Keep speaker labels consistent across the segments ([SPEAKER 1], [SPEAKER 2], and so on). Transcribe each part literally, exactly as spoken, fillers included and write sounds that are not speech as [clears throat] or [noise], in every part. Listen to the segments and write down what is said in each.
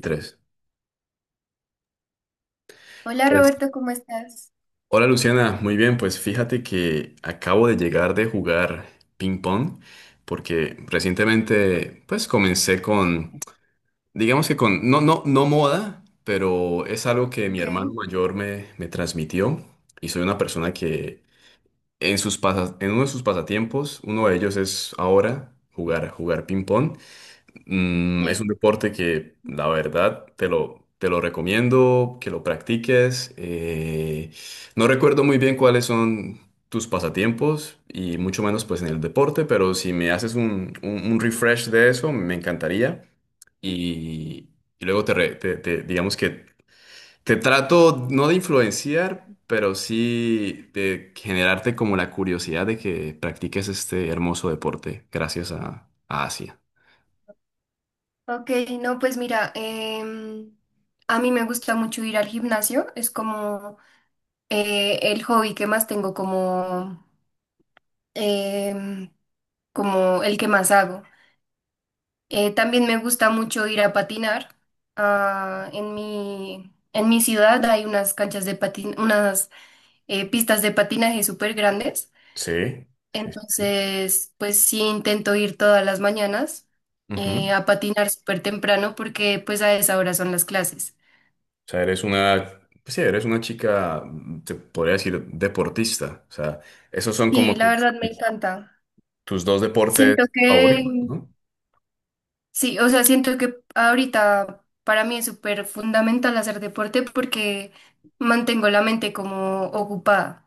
[SPEAKER 1] Tres.
[SPEAKER 2] Hola
[SPEAKER 1] Pues,
[SPEAKER 2] Roberto, ¿cómo estás?
[SPEAKER 1] hola Luciana, muy bien, pues fíjate que acabo de llegar de jugar ping pong porque recientemente pues comencé con, digamos que con, no, no, no moda, pero es algo que mi
[SPEAKER 2] Ok,
[SPEAKER 1] hermano mayor me, me transmitió y soy una persona que en sus pasas- en uno de sus pasatiempos, uno de ellos es ahora jugar, jugar ping pong. Mm, es un
[SPEAKER 2] sí.
[SPEAKER 1] deporte que, la verdad, te lo, te lo recomiendo, que lo practiques. Eh, no recuerdo muy bien cuáles son tus pasatiempos y mucho menos pues en el deporte, pero si me haces un, un- un refresh de eso, me encantaría. Y, y luego te, re- te- te- digamos que te trato no de influenciar, pero sí de generarte como la curiosidad de que practiques este hermoso deporte gracias a, a Asia.
[SPEAKER 2] Ok, no, pues mira, em, a mí me gusta mucho ir al gimnasio, es como eh, el hobby que más tengo, como, em, como el que más hago. Eh, también me gusta mucho ir a patinar. Ah, en mi, en mi ciudad hay unas canchas de patin, unas eh, pistas de patinaje súper grandes.
[SPEAKER 1] Sí, sí, sí.
[SPEAKER 2] Entonces, pues sí, intento ir todas las mañanas eh,
[SPEAKER 1] Ujú.
[SPEAKER 2] a patinar súper temprano porque pues a esa hora son las clases.
[SPEAKER 1] O sea, eres una, pues sí, eres una chica, mm, te podría decir, deportista. O sea, esos son como
[SPEAKER 2] Sí, la
[SPEAKER 1] tus,
[SPEAKER 2] verdad me
[SPEAKER 1] tus-
[SPEAKER 2] encanta.
[SPEAKER 1] tus dos deportes
[SPEAKER 2] Siento que,
[SPEAKER 1] favoritos, ¿no?
[SPEAKER 2] sí, o sea, siento que ahorita para mí es súper fundamental hacer deporte porque mantengo la mente como ocupada.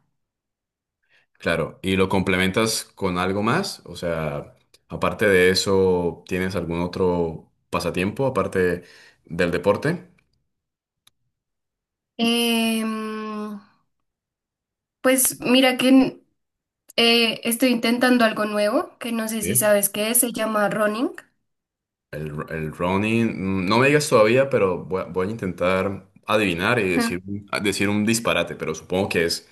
[SPEAKER 1] Claro, y lo complementas con algo más. O sea, aparte de eso, ¿tienes algún otro pasatiempo aparte del deporte?
[SPEAKER 2] Em, pues mira que n- eh, estoy intentando algo nuevo que no sé si
[SPEAKER 1] Sí.
[SPEAKER 2] sabes qué es, se llama running.
[SPEAKER 1] El, el Ronnie, mm, no me digas todavía, pero voy a, voy a intentar adivinar y decir,
[SPEAKER 2] [laughs]
[SPEAKER 1] un- a decir un disparate, pero supongo que es,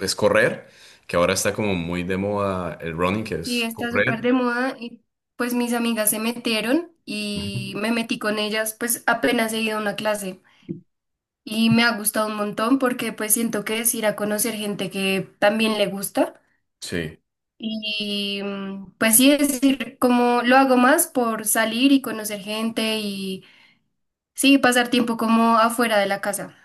[SPEAKER 1] es correr, que ahora está como muy de moda el running, que
[SPEAKER 2] Sí,
[SPEAKER 1] es
[SPEAKER 2] está súper
[SPEAKER 1] correr.
[SPEAKER 2] de moda y pues mis amigas se metieron y
[SPEAKER 1] Ujú.
[SPEAKER 2] me metí con ellas, pues apenas he ido a una clase y me ha gustado un montón porque pues siento que es ir a conocer gente que también le gusta
[SPEAKER 1] Sí,
[SPEAKER 2] y mm, pues sí, es decir, como lo hago más por salir y conocer gente y sí, pasar tiempo como afuera de la casa.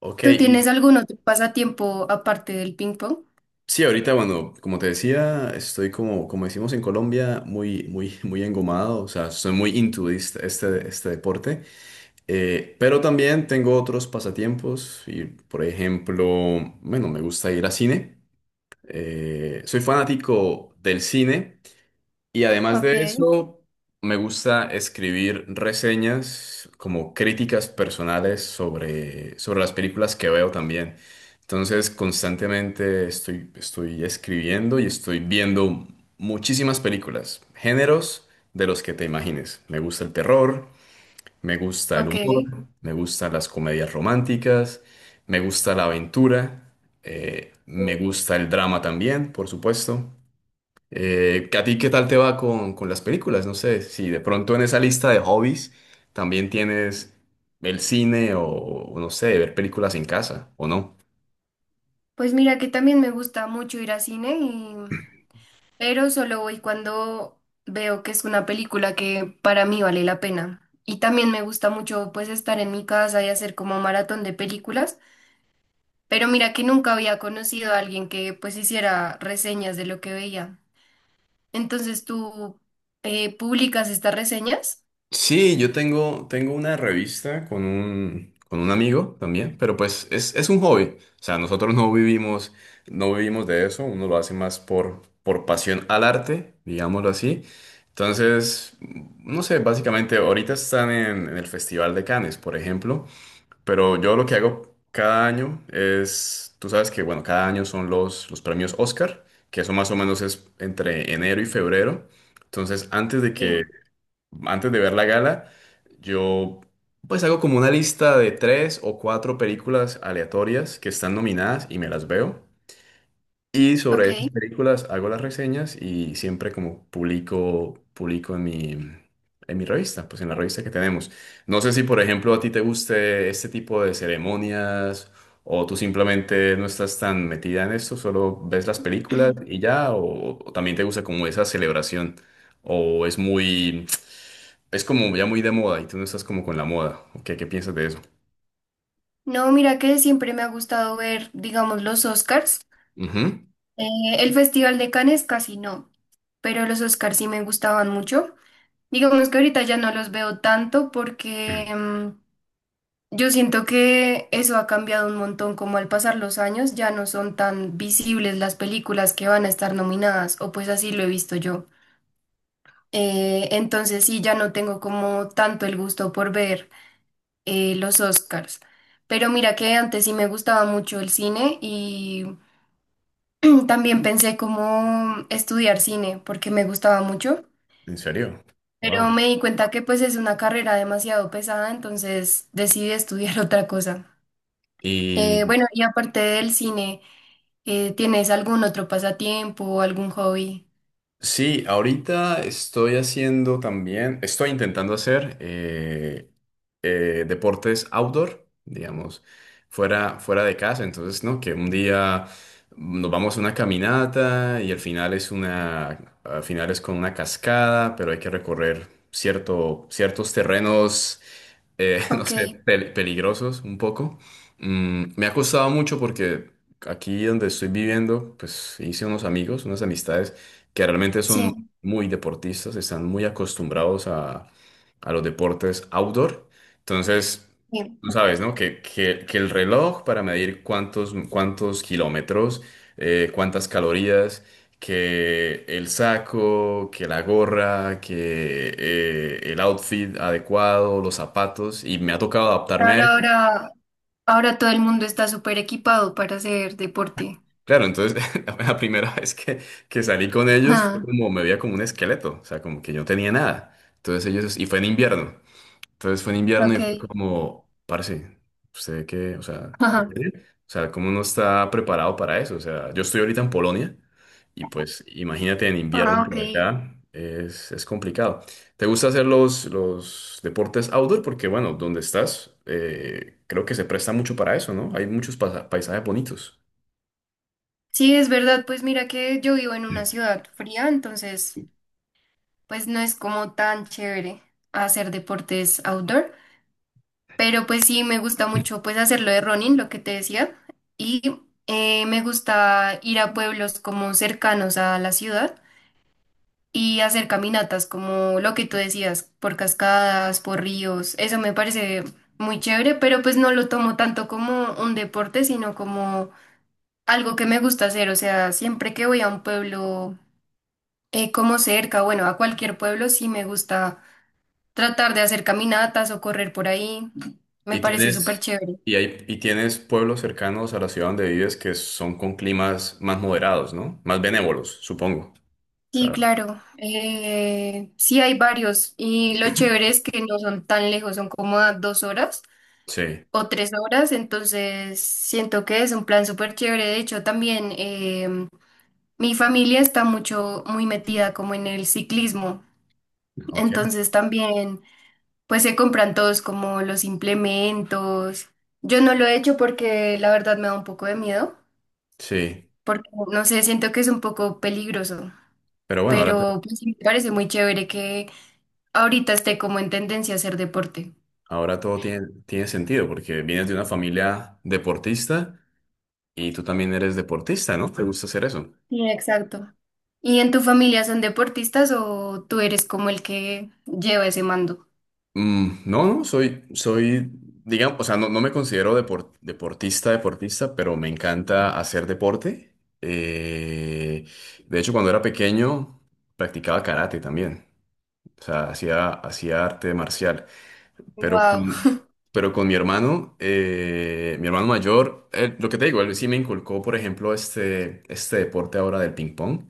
[SPEAKER 1] ok,
[SPEAKER 2] ¿Tú
[SPEAKER 1] y
[SPEAKER 2] tienes algún otro pasatiempo aparte del ping pong?
[SPEAKER 1] sí, ahorita, bueno, como te decía, estoy como, como decimos en Colombia, muy, muy, muy engomado, o sea, soy muy into este, este este deporte. Eh, pero también tengo otros pasatiempos y, por ejemplo, bueno, me gusta ir a cine. Eh, soy fanático del cine y además de
[SPEAKER 2] Ok,
[SPEAKER 1] eso me gusta escribir reseñas como críticas personales sobre, sobre las películas que veo también. Entonces constantemente estoy, estoy escribiendo y estoy viendo muchísimas películas, géneros de los que te imagines. Me gusta el terror, me gusta el
[SPEAKER 2] ok.
[SPEAKER 1] humor, me gustan las comedias románticas, me gusta la aventura, eh, me gusta el drama también, por supuesto. Eh, ¿a ti qué tal te va con, con las películas? No sé, si de pronto en esa lista de hobbies también tienes el cine o, o no sé, ver películas en casa o no.
[SPEAKER 2] Pues mira que también me gusta mucho ir a cine, pero solo voy cuando veo que es una película que para mí vale la pena. Y también me gusta mucho pues estar en mi casa y hacer como maratón de películas, pero mira que nunca había conocido a alguien que pues hiciera reseñas de lo que veía. Entonces tú eh, publicas estas reseñas.
[SPEAKER 1] Sí, yo tengo, tengo una revista con un, con un amigo también, pero pues es, es un hobby. O sea, nosotros no vivimos, no vivimos de eso, uno lo hace más por, por pasión al arte, digámoslo así. Entonces, no sé, básicamente ahorita están en, en el Festival de Cannes, por ejemplo, pero yo lo que hago cada año es, tú sabes que, bueno, cada año son los, los premios Oscar, que eso más o menos es entre enero y febrero. Entonces, antes de
[SPEAKER 2] Sí.
[SPEAKER 1] que antes de ver la gala, yo pues hago como una lista de tres o cuatro películas aleatorias que están nominadas y me las veo. Y
[SPEAKER 2] Ok.
[SPEAKER 1] sobre esas películas hago las reseñas y siempre como publico, publico en mi, en mi revista, pues en la revista que tenemos. No sé si, por ejemplo, a ti te guste este tipo de ceremonias o tú simplemente no estás tan metida en esto, solo ves las películas
[SPEAKER 2] [clears throat]
[SPEAKER 1] y ya, o, o también te gusta como esa celebración, o es muy, es como ya muy de moda y tú no estás como con la moda. ¿Qué, qué piensas de eso?
[SPEAKER 2] No, mira que siempre me ha gustado ver, digamos, los Oscars.
[SPEAKER 1] Ujú.
[SPEAKER 2] Eh, el Festival de Cannes casi no, pero los Oscars sí me gustaban mucho. Digamos que ahorita ya no los veo tanto porque mm, yo siento que eso ha cambiado un montón, como al pasar los años ya no son tan visibles las películas que van a estar nominadas, o pues así lo he visto yo. Eh, entonces sí, ya no tengo como tanto el gusto por ver eh, los Oscars. Pero mira que antes sí me gustaba mucho el cine y [clears throat] también pensé como estudiar cine porque me gustaba mucho.
[SPEAKER 1] ¿En serio?
[SPEAKER 2] Pero
[SPEAKER 1] Wow.
[SPEAKER 2] me di cuenta que pues es una carrera demasiado pesada, entonces decidí estudiar [laughs] otra cosa. Eh, bueno, y aparte del cine, eh, ¿tienes algún otro pasatiempo o algún hobby?
[SPEAKER 1] Sí, ahorita estoy haciendo también, estoy intentando hacer eh, eh, deportes outdoor, digamos, fuera, fuera de casa. Entonces, ¿no? Que un día nos vamos a una caminata y al final es una, al final es con una cascada, pero hay que recorrer cierto, ciertos terrenos eh, [laughs] no
[SPEAKER 2] Ok,
[SPEAKER 1] sé, pel- peligrosos un poco. Mm, me ha costado mucho porque aquí donde estoy viviendo, pues hice unos amigos, unas amistades que realmente
[SPEAKER 2] sí,
[SPEAKER 1] son muy deportistas, están muy acostumbrados a, a los deportes outdoor. Entonces,
[SPEAKER 2] bien.
[SPEAKER 1] tú sabes, ¿no? Que, que, que el reloj para medir cuántos, cuántos kilómetros, eh, cuántas calorías que el saco, que la gorra, que eh, el outfit adecuado, los zapatos, y me ha tocado adaptarme a
[SPEAKER 2] Ahora,
[SPEAKER 1] eso.
[SPEAKER 2] ahora, ahora todo el mundo está súper equipado para hacer deporte.
[SPEAKER 1] Claro, entonces [laughs] la primera vez que, que salí con ellos fue
[SPEAKER 2] Ah,
[SPEAKER 1] como me veía como un esqueleto, o sea, como que yo no tenía nada. Entonces ellos, y fue en invierno. Entonces fue en invierno y fue
[SPEAKER 2] ok.
[SPEAKER 1] como, parce, ¿usted qué? O
[SPEAKER 2] [laughs]
[SPEAKER 1] sea, ¿eh?
[SPEAKER 2] Ajá.
[SPEAKER 1] O sea, ¿cómo no está preparado para eso? O sea, yo estoy ahorita en Polonia y pues imagínate en
[SPEAKER 2] Ah,
[SPEAKER 1] invierno
[SPEAKER 2] ok.
[SPEAKER 1] por acá, es, es complicado. ¿Te gusta hacer los, los deportes outdoor? Porque bueno, donde estás, eh, creo que se presta mucho para eso, ¿no? Hay muchos pasa- paisajes bonitos.
[SPEAKER 2] Sí, es verdad, pues mira que yo vivo en una
[SPEAKER 1] Sí.
[SPEAKER 2] ciudad fría, entonces pues no es como tan chévere hacer deportes outdoor. Pero pues sí, me gusta mucho pues hacerlo de running, lo que te decía. Y eh, me gusta ir a pueblos como cercanos a la ciudad y hacer caminatas como lo que tú decías, por cascadas, por ríos. Eso me parece muy chévere, pero pues no lo tomo tanto como un deporte, sino como algo que me gusta hacer. O sea, siempre que voy a un pueblo eh, como cerca, bueno, a cualquier pueblo, sí me gusta tratar de hacer caminatas o correr por ahí. Me
[SPEAKER 1] Y
[SPEAKER 2] parece súper
[SPEAKER 1] tienes,
[SPEAKER 2] chévere.
[SPEAKER 1] y hay, y tienes pueblos cercanos a la ciudad donde vives que son con climas más moderados, ¿no? Más benévolos, supongo.
[SPEAKER 2] Sí, claro. Eh, sí, hay varios. Y lo chévere es que no son tan lejos, son como a dos horas
[SPEAKER 1] Sí,
[SPEAKER 2] o tres horas. Entonces, siento que es un plan súper chévere. De hecho, también em, mi familia está mucho, muy metida como en el ciclismo.
[SPEAKER 1] ok,
[SPEAKER 2] Entonces, también, pues se compran todos como los implementos. Yo no lo he hecho porque la verdad me da un poco de miedo,
[SPEAKER 1] sí.
[SPEAKER 2] porque no sé, siento que es un poco peligroso.
[SPEAKER 1] Pero bueno, ahora,
[SPEAKER 2] Pero pues, sí me parece muy chévere que ahorita esté como en tendencia a hacer deporte.
[SPEAKER 1] ahora todo tiene, tiene sentido porque vienes de una familia deportista y tú también eres deportista, ¿no? ¿Te gusta hacer eso?
[SPEAKER 2] Sí, exacto. ¿Y en tu familia son deportistas o tú eres como el que lleva ese mando?
[SPEAKER 1] Mm, no, no, soy, soy, digamos, o sea, no, no me considero depor- deportista, deportista, pero me encanta hacer deporte. Eh, de hecho, cuando era pequeño, practicaba karate también. O sea, hacía, hacía arte marcial. Pero con,
[SPEAKER 2] Wow.
[SPEAKER 1] pero con mi hermano, eh, mi hermano mayor, él- lo que te digo, él sí me inculcó, por ejemplo, este, este deporte ahora del ping-pong.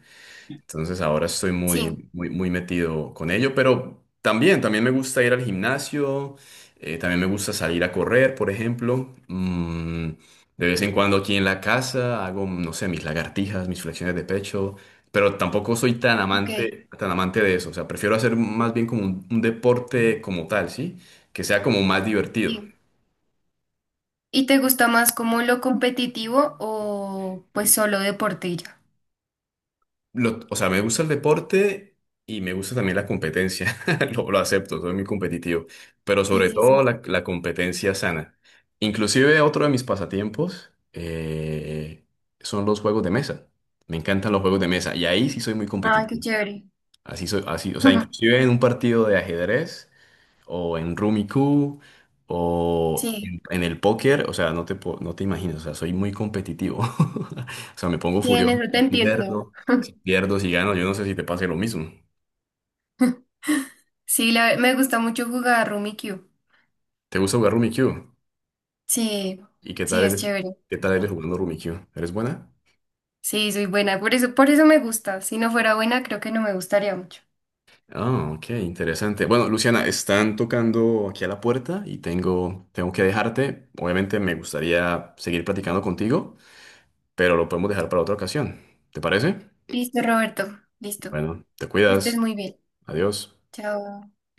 [SPEAKER 1] Entonces ahora estoy
[SPEAKER 2] Sí,
[SPEAKER 1] muy, muy, muy metido con ello, pero también, también me gusta ir al gimnasio, eh, también me gusta salir a correr, por ejemplo. Mm, de vez en cuando aquí en la casa hago, no sé, mis lagartijas, mis flexiones de pecho, pero tampoco soy tan
[SPEAKER 2] ok.
[SPEAKER 1] amante, tan amante de eso. O sea, prefiero hacer más bien como un, un deporte como tal, ¿sí? Que sea como más divertido.
[SPEAKER 2] Sí. ¿Y te gusta más como lo competitivo o pues solo deporte y ya?
[SPEAKER 1] Lo- o sea, me gusta el deporte y me gusta también la competencia. [laughs] Lo, lo acepto, soy muy competitivo, pero
[SPEAKER 2] Sí,
[SPEAKER 1] sobre
[SPEAKER 2] sí,
[SPEAKER 1] todo
[SPEAKER 2] sí.
[SPEAKER 1] la, la competencia sana. Inclusive otro de mis pasatiempos eh, son los juegos de mesa. Me encantan los juegos de mesa y ahí sí soy muy
[SPEAKER 2] Ah, qué
[SPEAKER 1] competitivo.
[SPEAKER 2] chévere.
[SPEAKER 1] Así soy, así, o sea,
[SPEAKER 2] [laughs]
[SPEAKER 1] inclusive en un partido de ajedrez o en Rummy Cube, o
[SPEAKER 2] Sí,
[SPEAKER 1] en, en el póker, o sea, no te, po- no te imaginas, o sea, soy muy competitivo. [laughs] O sea, me pongo
[SPEAKER 2] sí, en
[SPEAKER 1] furioso
[SPEAKER 2] eso te
[SPEAKER 1] si
[SPEAKER 2] entiendo.
[SPEAKER 1] pierdo, si pierdo, si gano, yo no sé si te pase lo mismo.
[SPEAKER 2] [laughs] Sí, la- me gusta mucho jugar Rummikub.
[SPEAKER 1] ¿Te gusta jugar Rummy Cube?
[SPEAKER 2] Sí,
[SPEAKER 1] ¿Y qué
[SPEAKER 2] sí,
[SPEAKER 1] tal
[SPEAKER 2] es
[SPEAKER 1] eres,
[SPEAKER 2] chévere.
[SPEAKER 1] qué tal eres jugando Rummy Cube? ¿Eres buena?
[SPEAKER 2] Sí, soy buena, por eso, por eso me gusta. Si no fuera buena, creo que no me gustaría mucho.
[SPEAKER 1] Ah, ok, interesante. Bueno, Luciana, están tocando aquí a la puerta y tengo, tengo que dejarte. Obviamente me gustaría seguir platicando contigo, pero lo podemos dejar para otra ocasión. ¿Te parece?
[SPEAKER 2] Listo, Roberto. Listo.
[SPEAKER 1] Bueno, te
[SPEAKER 2] Que estés
[SPEAKER 1] cuidas.
[SPEAKER 2] muy bien.
[SPEAKER 1] Adiós.
[SPEAKER 2] Chao.